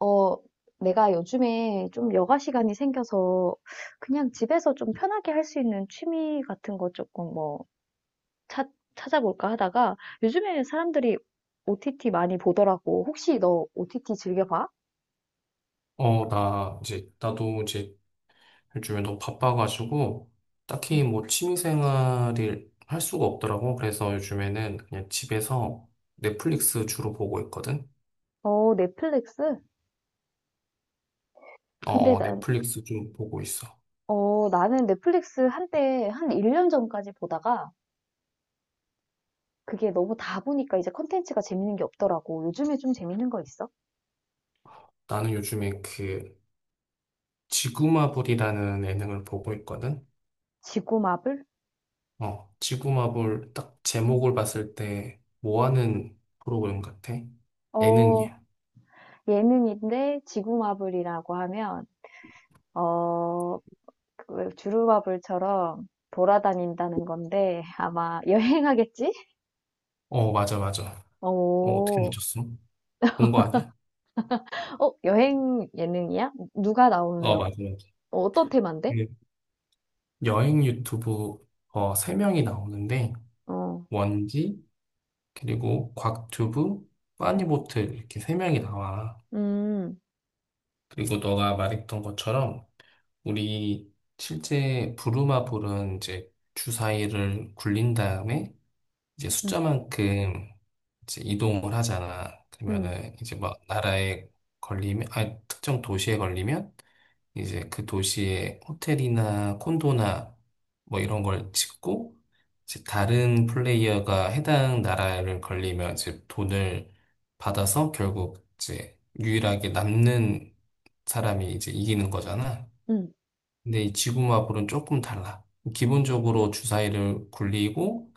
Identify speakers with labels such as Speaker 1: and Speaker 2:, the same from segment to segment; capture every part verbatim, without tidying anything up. Speaker 1: 어, 내가 요즘에 좀 여가 시간이 생겨서 그냥 집에서 좀 편하게 할 수 있는 취미 같은 거 조금 뭐 찾, 찾아볼까 하다가 요즘에 사람들이 오티티 많이 보더라고. 혹시 너 오티티 즐겨봐?
Speaker 2: 어, 나 이제 나도 이제 요즘에 너무 바빠가지고
Speaker 1: 응.
Speaker 2: 딱히 뭐 취미생활을 할 수가 없더라고. 그래서 요즘에는 그냥 집에서 넷플릭스 주로 보고 있거든.
Speaker 1: 어, 넷플릭스? 근데
Speaker 2: 어, 어,
Speaker 1: 난,
Speaker 2: 넷플릭스 좀 보고 있어.
Speaker 1: 어, 나는 넷플릭스 한때 한 일 년 전까지 보다가 그게 너무 다 보니까 이제 컨텐츠가 재밌는 게 없더라고. 요즘에 좀 재밌는 거 있어?
Speaker 2: 나는 요즘에 그 지구마블이라는 예능을 보고 있거든.
Speaker 1: 지구마블?
Speaker 2: 어, 지구마블 딱 제목을 봤을 때 뭐 하는 프로그램 같아?
Speaker 1: 어,
Speaker 2: 예능이야.
Speaker 1: 예능인데 지구마블이라고 하면 어, 그 주루마블처럼 돌아다닌다는 건데 아마 여행하겠지?
Speaker 2: 어, 맞아, 맞아. 어, 어떻게
Speaker 1: 오,
Speaker 2: 늦었어? 본 거 아니야?
Speaker 1: 어, 여행 예능이야? 누가
Speaker 2: 어,
Speaker 1: 나오는,
Speaker 2: 맞아, 맞아.
Speaker 1: 어, 어떤 테마인데?
Speaker 2: 그 여행 유튜브 어, 세 명이 나오는데
Speaker 1: 어,
Speaker 2: 원지 그리고 곽튜브
Speaker 1: 음,
Speaker 2: 빠니보틀 이렇게 세 명이 나와.
Speaker 1: 음,
Speaker 2: 그리고 너가 말했던 것처럼 우리 실제 부루마블은 이제 주사위를 굴린 다음에 이제
Speaker 1: 음,
Speaker 2: 숫자만큼 이제 이동을 하잖아.
Speaker 1: 음,
Speaker 2: 그러면은 이제 막 나라에 걸리면 아 특정 도시에 걸리면 이제 그 도시에 호텔이나 콘도나 뭐 이런 걸 짓고 이제 다른 플레이어가 해당 나라를 걸리면 이제 돈을 받아서 결국 이제 유일하게 남는 사람이 이제 이기는 거잖아.
Speaker 1: 음,
Speaker 2: 근데 이 지구마블은 조금 달라. 기본적으로 주사위를 굴리고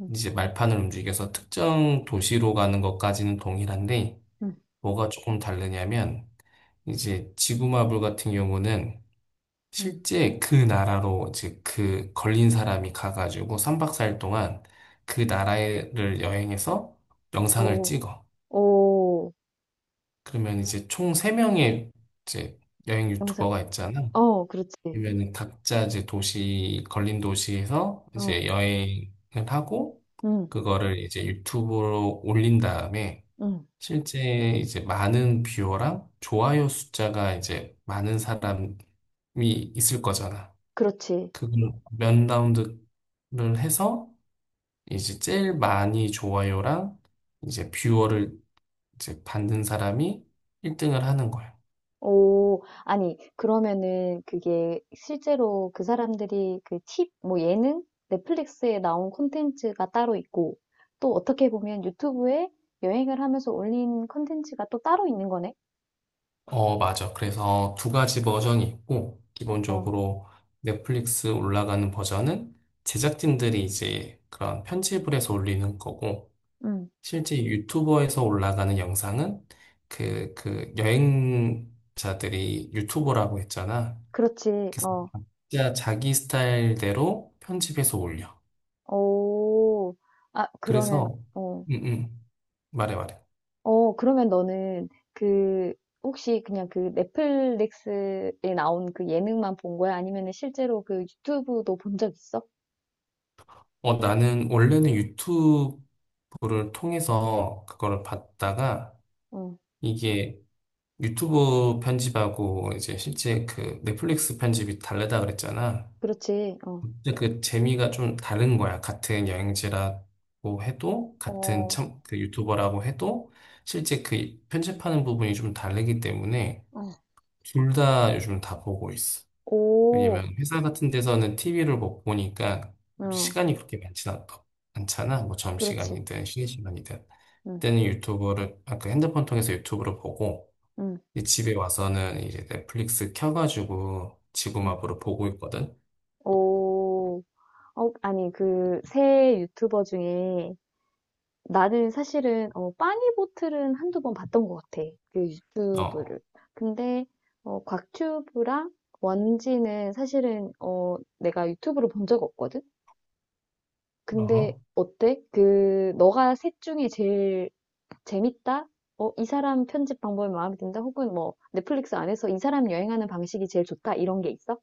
Speaker 1: 음,
Speaker 2: 이제 말판을 움직여서 특정 도시로 가는 것까지는 동일한데
Speaker 1: 음,
Speaker 2: 뭐가 조금 다르냐면 이제 지구마블 같은 경우는
Speaker 1: 음.
Speaker 2: 실제 그 나라로 즉 그 걸린 사람이 가가지고 삼 박 사 일 동안 그 나라를 여행해서 영상을
Speaker 1: 오,
Speaker 2: 찍어.
Speaker 1: 오,
Speaker 2: 그러면 이제 총 세 명의 이제 여행
Speaker 1: 영상,
Speaker 2: 유튜버가 있잖아.
Speaker 1: 어, 그렇지.
Speaker 2: 그러면은 각자 이제 도시 걸린 도시에서
Speaker 1: 어,
Speaker 2: 이제 여행을 하고
Speaker 1: 음,
Speaker 2: 그거를 이제 유튜브로 올린 다음에
Speaker 1: 음,
Speaker 2: 실제 이제 많은 뷰어랑 좋아요 숫자가 이제 많은 사람이 있을 거잖아.
Speaker 1: 그렇지.
Speaker 2: 그걸 몇 라운드를 해서 이제 제일 많이 좋아요랑 이제 뷰어를 이제 받는 사람이 일 등을 하는 거예요.
Speaker 1: 오, 아니, 그러면은 그게 실제로 그 사람들이 그 팁, 뭐 예능? 넷플릭스에 나온 콘텐츠가 따로 있고, 또 어떻게 보면 유튜브에 여행을 하면서 올린 콘텐츠가 또 따로 있는 거네?
Speaker 2: 어, 맞아. 그래서 두 가지 버전이 있고,
Speaker 1: 어,
Speaker 2: 기본적으로 넷플릭스 올라가는 버전은 제작진들이 이제 그런 편집을 해서 올리는 거고,
Speaker 1: 음,
Speaker 2: 실제 유튜버에서 올라가는 영상은 그, 그 여행자들이 유튜버라고 했잖아.
Speaker 1: 그렇지,
Speaker 2: 그
Speaker 1: 어,
Speaker 2: 진짜 자기 스타일대로 편집해서 올려.
Speaker 1: 오, 아, 그러면,
Speaker 2: 그래서,
Speaker 1: 어,
Speaker 2: 음, 음. 말해, 말해.
Speaker 1: 어, 그러면 너는 그, 혹시 그냥 그 넷플릭스에 나온 그 예능만 본 거야? 아니면은 실제로 그 유튜브도 본 적 있어?
Speaker 2: 어, 나는 원래는 유튜브를 통해서 그거를 봤다가
Speaker 1: 어,
Speaker 2: 이게 유튜브 편집하고 이제 실제 그 넷플릭스 편집이 다르다 그랬잖아.
Speaker 1: 그렇지, 어.
Speaker 2: 근데 그 재미가 좀 다른 거야. 같은 여행지라고 해도, 같은
Speaker 1: 어.
Speaker 2: 참, 그 유튜버라고 해도 실제 그 편집하는 부분이 좀 다르기 때문에
Speaker 1: 어.
Speaker 2: 둘 다 요즘 다 보고 있어.
Speaker 1: 오.
Speaker 2: 왜냐면 회사 같은 데서는 티비를 못 보니까
Speaker 1: 어.
Speaker 2: 시간이 그렇게 많진 않, 않잖아. 뭐
Speaker 1: 그렇지.
Speaker 2: 점심시간이든 쉬는 시간이든.
Speaker 1: 응.
Speaker 2: 그때는 유튜브를, 아까 핸드폰 통해서 유튜브를 보고,
Speaker 1: 응.
Speaker 2: 이제 집에 와서는 이제 넷플릭스 켜가지고
Speaker 1: 응.
Speaker 2: 지구마블을 보고 있거든.
Speaker 1: 오. 어, 아니, 그 새 유튜버 중에 나는 사실은 어 빠니보틀은 한두 번 봤던 것 같아. 그
Speaker 2: 어,
Speaker 1: 유튜브를. 근데 어 곽튜브랑 원지는 사실은 어 내가 유튜브로 본 적 없거든. 근데
Speaker 2: 어.
Speaker 1: 어때? 그 너가 셋 중에 제일 재밌다? 어, 이 사람 편집 방법이 마음에 든다? 혹은 뭐 넷플릭스 안에서 이 사람 여행하는 방식이 제일 좋다? 이런 게 있어?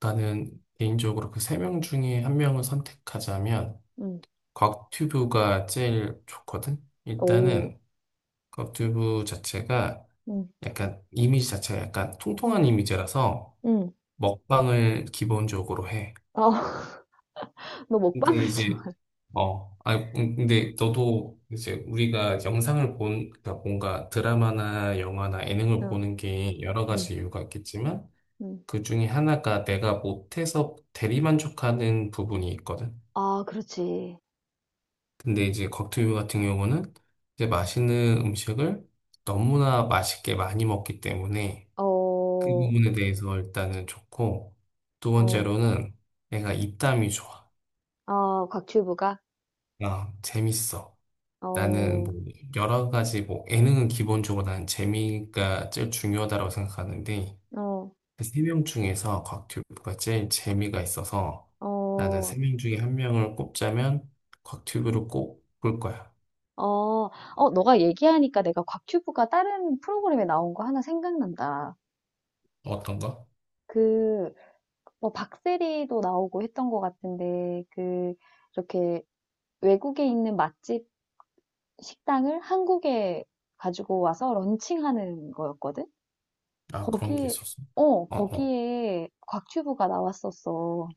Speaker 2: 나는 개인적으로 그 세 명 중에 한 명을 선택하자면,
Speaker 1: 응.
Speaker 2: 곽튜브가 제일 좋거든.
Speaker 1: 오.
Speaker 2: 일단은 곽튜브 자체가
Speaker 1: 응.
Speaker 2: 약간 이미지 자체가 약간 통통한 이미지라서,
Speaker 1: 응.
Speaker 2: 먹방을 기본적으로 해.
Speaker 1: 어, 너
Speaker 2: 근데
Speaker 1: 먹방을 좋아.
Speaker 2: 이제, 어, 아 근데 너도 이제 우리가 영상을 본, 그러니까 뭔가 드라마나 영화나 예능을
Speaker 1: 어,
Speaker 2: 보는 게 여러
Speaker 1: 응.
Speaker 2: 가지 이유가 있겠지만,
Speaker 1: 응.
Speaker 2: 그 중에 하나가 내가 못해서 대리만족하는 부분이 있거든.
Speaker 1: 아, 그렇지.
Speaker 2: 근데 이제 곽튜브 같은 경우는 이제 맛있는 음식을 너무나 맛있게 많이 먹기 때문에 그
Speaker 1: 어,
Speaker 2: 부분에 대해서 일단은 좋고, 두
Speaker 1: 어,
Speaker 2: 번째로는 내가 입담이 좋아.
Speaker 1: 아, 곽튜브가?
Speaker 2: 아, 재밌어. 나는
Speaker 1: 어,
Speaker 2: 뭐 여러 가지 뭐 예능은 기본적으로 나는 재미가 제일 중요하다고 생각하는데
Speaker 1: 어,
Speaker 2: 그 세명 중에서 곽튜브가 제일 재미가 있어서 나는
Speaker 1: 어,
Speaker 2: 세 명 중에 한 명을 꼽자면 곽튜브를 꼽을 거야.
Speaker 1: 어, 어, 너가 얘기하니까 내가 곽튜브가 다른 프로그램에 나온 거 하나 생각난다.
Speaker 2: 어떤 가
Speaker 1: 그, 뭐 박세리도 나오고 했던 것 같은데 그 이렇게 외국에 있는 맛집 식당을 한국에 가지고 와서 런칭하는 거였거든?
Speaker 2: 아, 그런 게
Speaker 1: 거기에
Speaker 2: 있었어.
Speaker 1: 어
Speaker 2: 어, 어.
Speaker 1: 거기에 곽튜브가 나왔었어.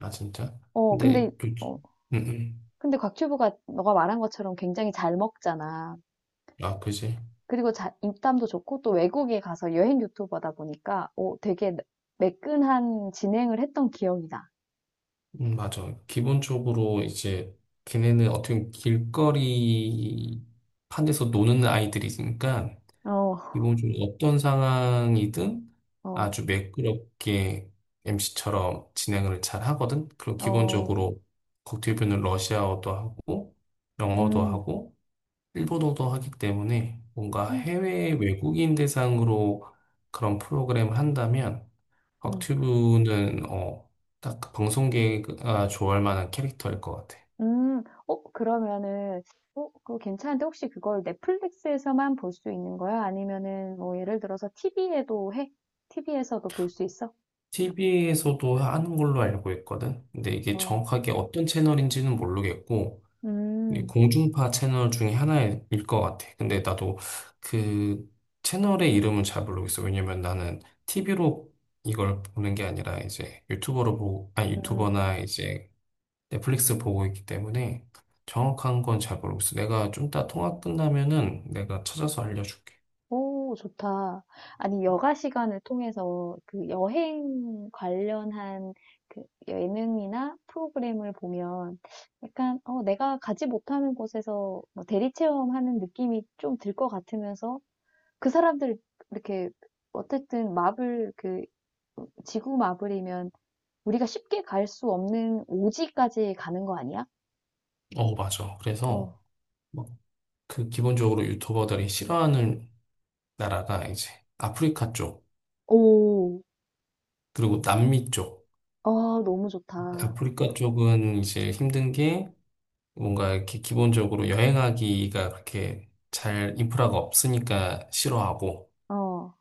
Speaker 2: 아, 진짜?
Speaker 1: 어
Speaker 2: 근데 요
Speaker 1: 근데 어
Speaker 2: 음, 음.
Speaker 1: 근데 곽튜브가 너가 말한 것처럼 굉장히 잘 먹잖아.
Speaker 2: 아, 그지?
Speaker 1: 그리고 자, 입담도 좋고 또 외국에 가서 여행 유튜버다 보니까 어 되게 매끈한 진행을 했던 기억이 나.
Speaker 2: 음, 맞아. 기본적으로 이제 걔네는 어떻게 보면 길거리 판에서 노는 아이들이니까
Speaker 1: 어,
Speaker 2: 기본적으로 어떤 상황이든
Speaker 1: 어,
Speaker 2: 아주 매끄럽게 엠시처럼 진행을 잘 하거든. 그리고
Speaker 1: 어,
Speaker 2: 기본적으로 국제표는 러시아어도 하고 영어도
Speaker 1: 음,
Speaker 2: 하고 일본어도 하기 때문에 뭔가 해외 외국인 대상으로 그런 프로그램을 한다면
Speaker 1: 음.
Speaker 2: 곽튜브는 어, 딱그 방송계가 좋아할 만한 캐릭터일 것 같아.
Speaker 1: 음. 어 그러면은 어 그거 괜찮은데 혹시 그걸 넷플릭스에서만 볼 수 있는 거야? 아니면은 뭐 예를 들어서 티비에도 해? 티비에서도 볼 수 있어?
Speaker 2: 티비에서도 하는 걸로 알고 있거든. 근데 이게
Speaker 1: 어.
Speaker 2: 정확하게 어떤 채널인지는 모르겠고 이게
Speaker 1: 음.
Speaker 2: 공중파 채널 중에 하나일 것 같아. 근데 나도 그 채널의 이름은 잘 모르겠어. 왜냐면 나는 티비로 이걸 보는 게 아니라 이제 유튜버로 보고, 아니
Speaker 1: 음.
Speaker 2: 유튜버나 이제 넷플릭스 보고 있기 때문에 정확한 건 잘 모르겠어. 내가 좀 이따 통화 끝나면은 내가 찾아서 알려줄게.
Speaker 1: 오, 좋다. 아니 여가 시간을 통해서 그 여행 관련한 그 예능이나 프로그램을 보면 약간 어 내가 가지 못하는 곳에서 뭐 대리 체험하는 느낌이 좀 들 것 같으면서 그 사람들 이렇게 어쨌든 마블 그 지구 마블이면 우리가 쉽게 갈 수 없는 오지까지 가는 거 아니야?
Speaker 2: 어, 맞아.
Speaker 1: 어.
Speaker 2: 그래서 막 그 기본적으로 유튜버들이 싫어하는 나라가 이제 아프리카 쪽,
Speaker 1: 오.
Speaker 2: 그리고 남미 쪽.
Speaker 1: 아, 너무 좋다.
Speaker 2: 아프리카 쪽은 이제 힘든 게 뭔가 이렇게 기본적으로 여행하기가 그렇게 잘 인프라가 없으니까 싫어하고,
Speaker 1: 어.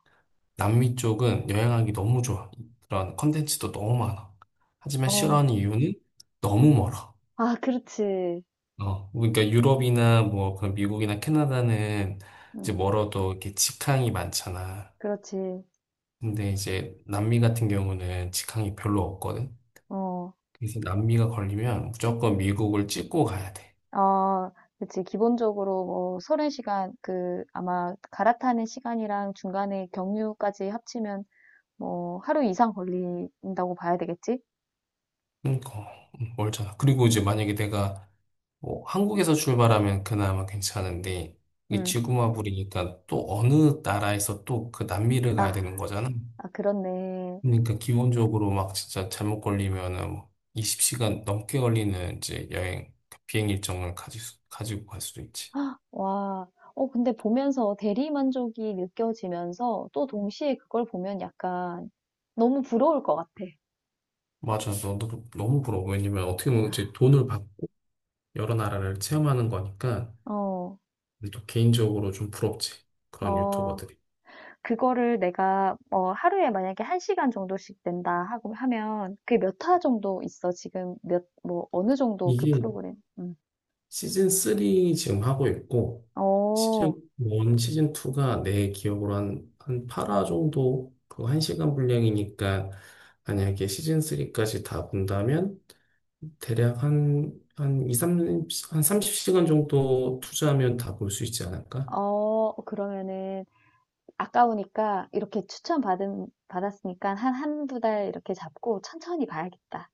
Speaker 2: 남미 쪽은 여행하기 너무 좋아. 그런 컨텐츠도 너무 많아. 하지만
Speaker 1: 어.
Speaker 2: 싫어하는 이유는 너무 멀어.
Speaker 1: 아, 그렇지.
Speaker 2: 어, 그러니까 유럽이나 뭐 그런 미국이나 캐나다는 이제
Speaker 1: 음,
Speaker 2: 멀어도 이렇게 직항이 많잖아.
Speaker 1: 그렇지.
Speaker 2: 근데 이제 남미 같은 경우는 직항이 별로 없거든.
Speaker 1: 어.
Speaker 2: 그래서 남미가 걸리면 무조건 미국을 찍고 가야 돼.
Speaker 1: 아, 그렇지. 기본적으로 뭐 서른 시간 그 아마 갈아타는 시간이랑 중간에 경유까지 합치면 뭐 하루 이상 걸린다고 봐야 되겠지?
Speaker 2: 그러니까 음, 멀잖아. 그리고 이제 만약에 내가 뭐 한국에서 출발하면 그나마 괜찮은데 이
Speaker 1: 음.
Speaker 2: 지구마블이니까 또 어느 나라에서 또 그 남미를 가야
Speaker 1: 아,
Speaker 2: 되는 거잖아.
Speaker 1: 아, 그렇네.
Speaker 2: 그러니까 기본적으로 막 진짜 잘못 걸리면은 뭐 이십 시간 넘게 걸리는 이제 여행 비행 일정을 가지, 가지고 갈 수도 있지.
Speaker 1: 와, 어, 근데 보면서 대리 만족이 느껴지면서 또 동시에 그걸 보면 약간 너무 부러울 것 같아.
Speaker 2: 맞아, 너, 너 너무 부러워. 왜냐면 어떻게 보면 이제 돈을 받고 여러 나라를 체험하는 거니까
Speaker 1: 어,
Speaker 2: 또 개인적으로 좀 부럽지. 그런
Speaker 1: 어,
Speaker 2: 유튜버들이.
Speaker 1: 그거를 내가 어, 하루에 만약에 한 시간 정도씩 낸다 하고 하면 그게 몇 화 정도 있어? 지금 몇, 뭐, 어느 정도 그
Speaker 2: 이게
Speaker 1: 프로그램? 음.
Speaker 2: 시즌 쓰리 지금 하고 있고, 시즌
Speaker 1: 어,
Speaker 2: 일, 시즌 이가 내 기억으로 한, 한, 팔 화 정도, 그 한 시간 분량이니까, 만약에 시즌 삼까지 다 본다면, 대략 한, 한 이, 삼, 한삼0시간 정도 투자하면 다 볼 수 있지 않을까?
Speaker 1: 어, 그러면은 아까우니까 이렇게 추천 받은, 받았으니까 한 한두 달 이렇게 잡고 천천히 봐야겠다.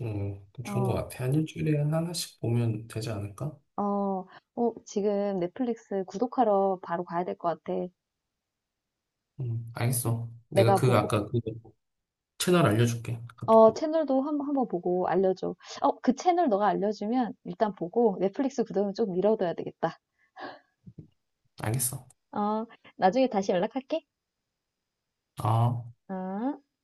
Speaker 2: 음, 좋은 것
Speaker 1: 어.
Speaker 2: 같아. 한 일주일에 하나씩 보면 되지 않을까?
Speaker 1: 어, 어, 지금 넷플릭스 구독하러 바로 가야 될 것 같아.
Speaker 2: 음, 알겠어. 내가
Speaker 1: 내가
Speaker 2: 그,
Speaker 1: 보고,
Speaker 2: 아까 그 채널 알려줄게.
Speaker 1: 어,
Speaker 2: 카톡으로.
Speaker 1: 채널도 한, 한번 보고 알려줘. 어, 그 채널 너가 알려주면 일단 보고 넷플릭스 구독은 좀 미뤄둬야 되겠다.
Speaker 2: 알겠어.
Speaker 1: 어, 나중에 다시 연락할게.
Speaker 2: 아.
Speaker 1: 어.